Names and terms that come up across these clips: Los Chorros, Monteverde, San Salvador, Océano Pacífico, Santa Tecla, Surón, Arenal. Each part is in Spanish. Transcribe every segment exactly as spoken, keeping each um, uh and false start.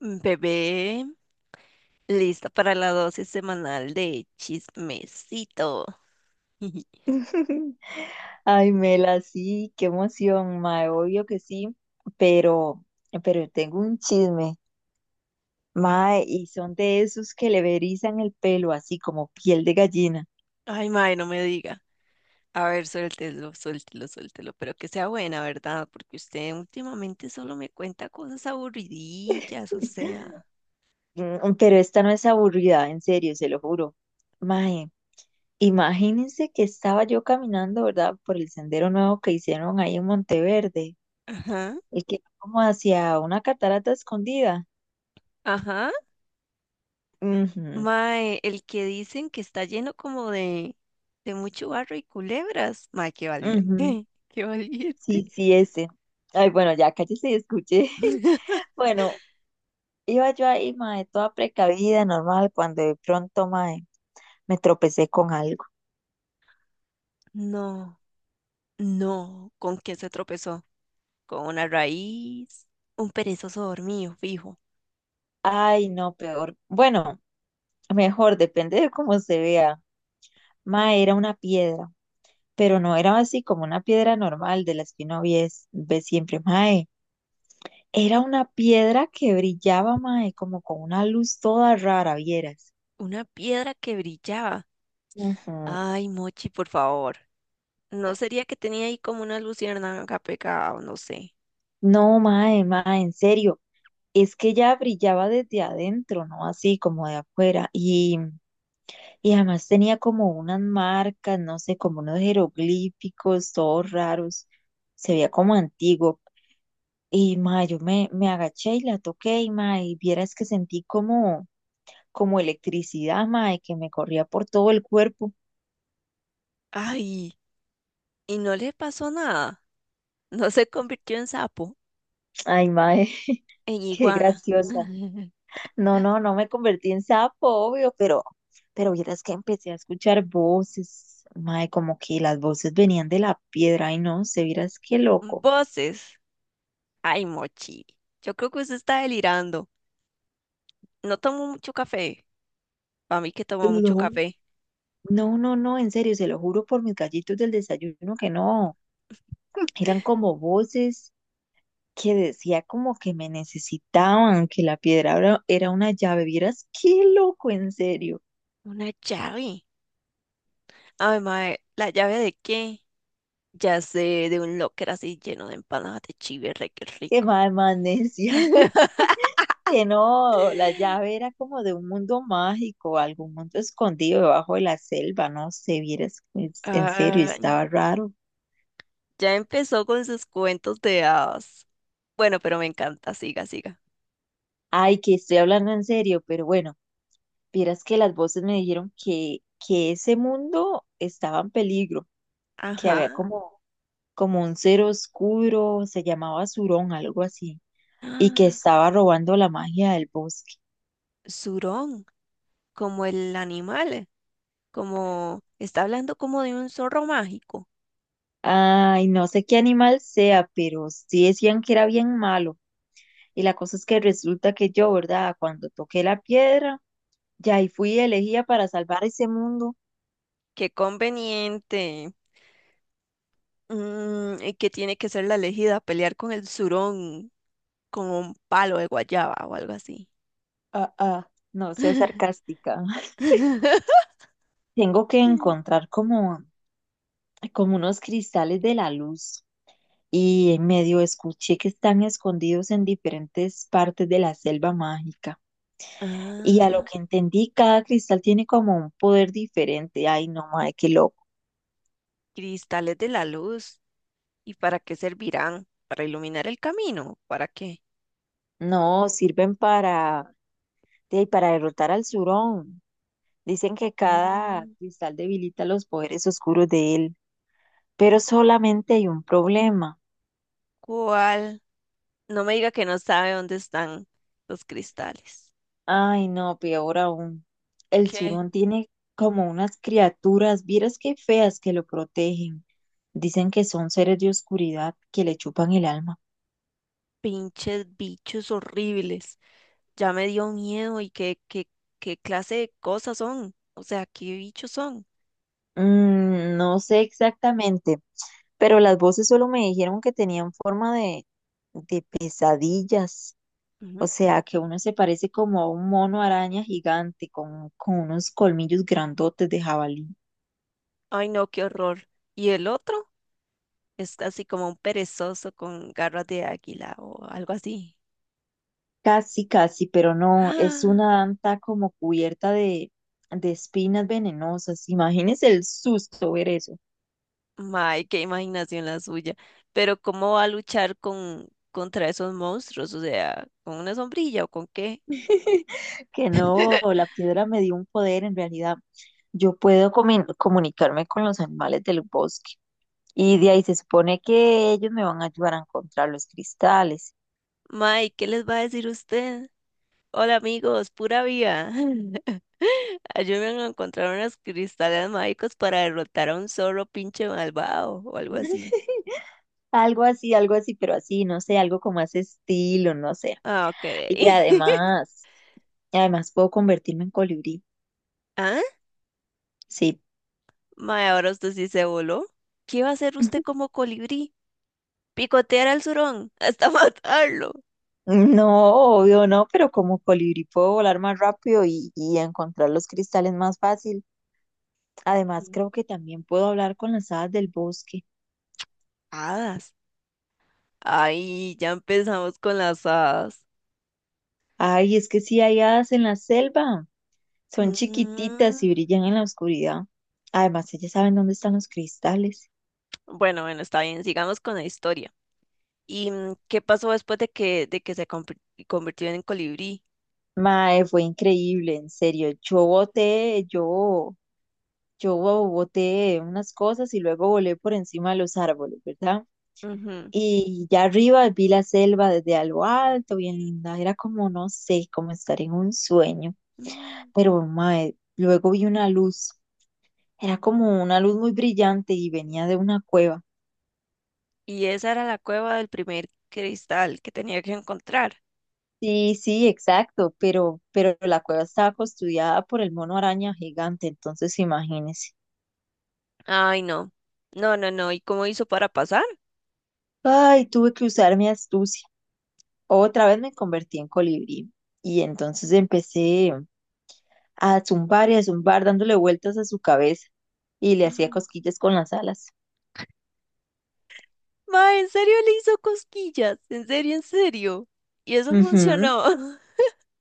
mm, Bebé, lista para la dosis semanal de chismecito. Ay, Mela, sí, qué emoción, mae, obvio que sí, pero, pero tengo un chisme, mae, y son de esos que le verizan el pelo así como piel de gallina. Ay, mae, no me diga. A ver, suéltelo, suéltelo, suéltelo, pero que sea buena, ¿verdad? Porque usted últimamente solo me cuenta cosas aburridillas, o sea. Mm, Pero esta no es aburrida, en serio, se lo juro. Mae, imagínense que estaba yo caminando, ¿verdad? Por el sendero nuevo que hicieron ahí en Monteverde, Ajá, el que va como hacia una catarata escondida. ajá. Ujú, Mae, el que dicen que está lleno como de, de mucho barro y culebras. Mae, qué valiente, ujú. qué valiente. Sí, sí, ese. Ay, bueno, ya cállese y escuche. Bueno, iba yo ahí, mae, toda precavida, normal, cuando de pronto, mae, me tropecé con algo. No, no, ¿con quién se tropezó? ¿Con una raíz, un perezoso dormido, fijo, Ay, no, peor. Bueno, mejor, depende de cómo se vea. Mae, era una piedra, pero no era así como una piedra normal de las que uno ve, ve siempre, mae. Era una piedra que brillaba, mae, como con una luz toda rara, vieras. una piedra que brillaba? Ujú. Ay, Mochi, por favor. ¿No sería que tenía ahí como una luciérnaga pegada o no sé? No, mae, mae, en serio. Es que ya brillaba desde adentro, no así como de afuera. Y. Y además tenía como unas marcas, no sé, como unos jeroglíficos, todos raros. Se veía como antiguo. Y ma, yo me, me agaché y la toqué, y ma, y vieras que sentí como, como electricidad, ma, y que me corría por todo el cuerpo. Ay, y no le pasó nada. No se convirtió en sapo, Ay, ma, eh, en qué iguana. graciosa. No, no, no me convertí en sapo, obvio, pero, pero vieras que empecé a escuchar voces, ma, como que las voces venían de la piedra. Ay, no, se vieras qué loco. Voces. Ay, Mochi. Yo creo que usted está delirando. No tomó mucho café. Para mí que tomó mucho café. No, no, no, en serio, se lo juro por mis gallitos del desayuno que no. Eran como voces que decía como que me necesitaban, que la piedra era era una llave. Vieras, qué loco, en serio. Una llave. Ay, mae, ¿la llave de qué? Ya sé, de un locker así lleno de empanadas de chive, re que Qué rico. mal, más necia. Que no, la llave era como de un mundo mágico, algún mundo escondido debajo de la selva, no sé, vieras, es- en serio, Ay, estaba raro. ya empezó con sus cuentos de hadas. Bueno, pero me encanta, siga, siga. Ay, que estoy hablando en serio, pero bueno, vieras que las voces me dijeron que, que ese mundo estaba en peligro, que Ajá. había como, como un ser oscuro, se llamaba Surón, algo así, y que Ah, estaba robando la magia del bosque. Zurón, como el animal, como está hablando como de un zorro mágico. Ay, no sé qué animal sea, pero sí decían que era bien malo. Y la cosa es que resulta que yo, ¿verdad? Cuando toqué la piedra, ya ahí fui elegida para salvar ese mundo. Qué conveniente. Mm, y que tiene que ser la elegida, pelear con el surón con un palo de guayaba o algo así. Ah, ah, no sea sarcástica. Tengo que encontrar como, como unos cristales de la luz y en medio escuché que están escondidos en diferentes partes de la selva mágica. Y a lo Ah, que entendí, cada cristal tiene como un poder diferente. Ay, no, madre, qué loco. cristales de la luz. ¿Y para qué servirán? ¿Para iluminar el camino? ¿Para qué? No, sirven para, de- para derrotar al Surón. Dicen que cada Mm, cristal debilita los poderes oscuros de él, pero solamente hay un problema. ¿cuál? No me diga que no sabe dónde están los cristales. Ay, no, peor aún. El ¿Qué? surón tiene como unas criaturas, vieras qué feas que lo protegen. Dicen que son seres de oscuridad que le chupan el alma. Pinches bichos horribles. Ya me dio miedo y qué, qué, qué clase de cosas son. O sea, ¿qué bichos son? Mm, no sé exactamente, pero las voces solo me dijeron que tenían forma de, de pesadillas. O Ujú. sea, que uno se parece como a un mono araña gigante con, con unos colmillos grandotes de jabalí. Ay, no, qué horror. ¿Y el otro? Es así como un perezoso con garras de águila o algo así. Casi, casi, pero no, es una anta como cubierta de, de espinas venenosas. Imagínese el susto ver eso. May, qué imaginación la suya. Pero ¿cómo va a luchar con contra esos monstruos? O sea, ¿con una sombrilla o con qué? Que no, la piedra me dio un poder en realidad. Yo puedo comi- comunicarme con los animales del bosque y de ahí se supone que ellos me van a ayudar a encontrar los cristales. May, ¿qué les va a decir usted? Hola amigos, pura vida. Ayúdenme a encontrar unos cristales mágicos para derrotar a un zorro pinche malvado o algo así. Algo así, algo así, pero así, no sé, algo como ese estilo, no sé. Ah, ok. Y además, además puedo convertirme en colibrí. ¿Ah? Sí, Mae, ahora usted sí se voló. ¿Qué va a hacer usted como colibrí? Picotear al zurón hasta matarlo. no, obvio no, pero como colibrí puedo volar más rápido y, y encontrar los cristales más fácil. Además, Mm. creo que también puedo hablar con las hadas del bosque. Hadas. Ay, ya empezamos con las hadas. Ay, es que sí hay hadas en la selva. Son chiquititas Mm, y brillan en la oscuridad. Además, ellas saben dónde están los cristales. bueno, bueno, está bien, sigamos con la historia. Y mm, ¿qué pasó después de que, de que se convir- convirtió en colibrí? Mae, fue increíble, en serio. Yo boté, yo. Yo bo- boté unas cosas y luego volé por encima de los árboles, ¿verdad? Ujú. Y ya arriba vi la selva desde algo alto, bien linda. Era como, no sé, como estar en un sueño. Mm, Pero, mae, luego vi una luz. Era como una luz muy brillante y venía de una cueva. Y esa era la cueva del primer cristal que tenía que encontrar. Sí, sí, exacto, pero, pero la cueva estaba custodiada por el mono araña gigante, entonces imagínese. Ay, no. No, no, no. ¿Y cómo hizo para pasar? Ay, tuve que usar mi astucia. Otra vez me convertí en colibrí y entonces empecé a zumbar y a zumbar dándole vueltas a su cabeza y le hacía cosquillas con las alas. Ma, ¿en serio le hizo cosquillas? ¿En serio, en serio? Y eso Ujú. funcionó.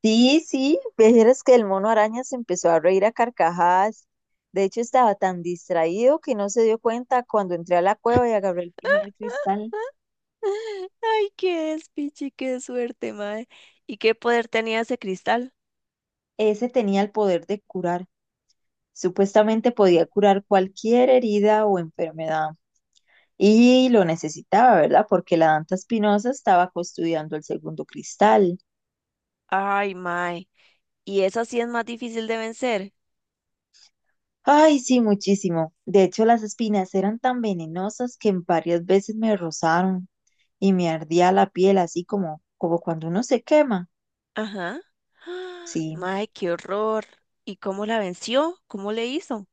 Sí, sí, vieras que el mono araña se empezó a reír a carcajadas. De hecho, estaba tan distraído que no se dio cuenta cuando entré a la cueva y agarré el primer cristal. Ay, qué despiche, qué suerte, mae. ¿Y qué poder tenía ese cristal? Ese tenía el poder de curar. Supuestamente Mm. podía curar cualquier herida o enfermedad. Y lo necesitaba, ¿verdad? Porque la Danta Espinosa estaba custodiando el segundo cristal. Ay, mae. ¿Y esa sí es más difícil de vencer? Ay, sí, muchísimo. De hecho, las espinas eran tan venenosas que en varias veces me rozaron y me ardía la piel, así como, como cuando uno se quema. Ajá. Ah, Sí, mae, qué horror. ¿Y cómo la venció? ¿Cómo le hizo?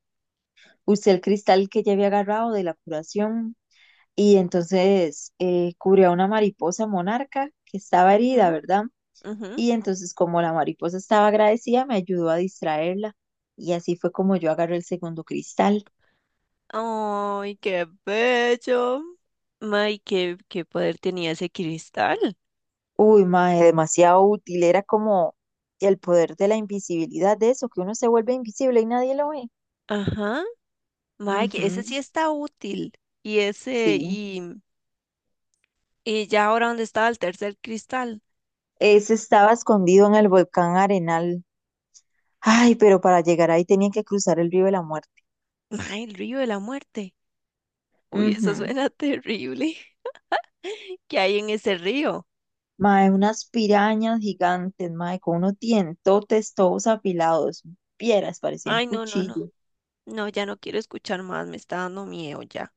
usé el cristal que ya había agarrado de la curación y entonces eh, curé a una mariposa monarca que estaba herida, Mm, ¿verdad? ujú. Y entonces, como la mariposa estaba agradecida, me ayudó a distraerla. Y así fue como yo agarré el segundo cristal. Ay, qué bello. Mae, ¿qué, qué poder tenía ese cristal? Uy, mae, demasiado útil. Era como el poder de la invisibilidad de eso, que uno se vuelve invisible y nadie lo ve. Ajá. Mae, que ese Ujú, sí está útil. Y ese, sí. y, y ya ahora, ¿dónde estaba el tercer cristal? Ese estaba escondido en el volcán Arenal. Ay, pero para llegar ahí tenían que cruzar el río de la muerte. Mae, el río de la muerte. Uy, eso Ujú. suena terrible. ¿Qué hay en ese río? Mae, unas pirañas gigantes, mae, con unos dientotes todos afilados. Pieras, parecían Ay, no, no, no. cuchillos. No, ya no quiero escuchar más, me está dando miedo ya.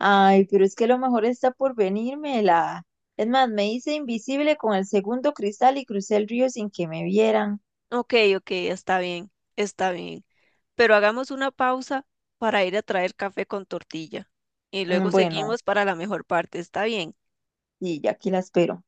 Ay, pero es que lo mejor está por venirme, la... Es más, me hice invisible con el segundo cristal y crucé el río sin que me vieran. Ok, ok, está bien, está bien. Pero hagamos una pausa para ir a traer café con tortilla. Y Mm, luego bueno, seguimos para la mejor parte, ¿está bien? y ya aquí la espero.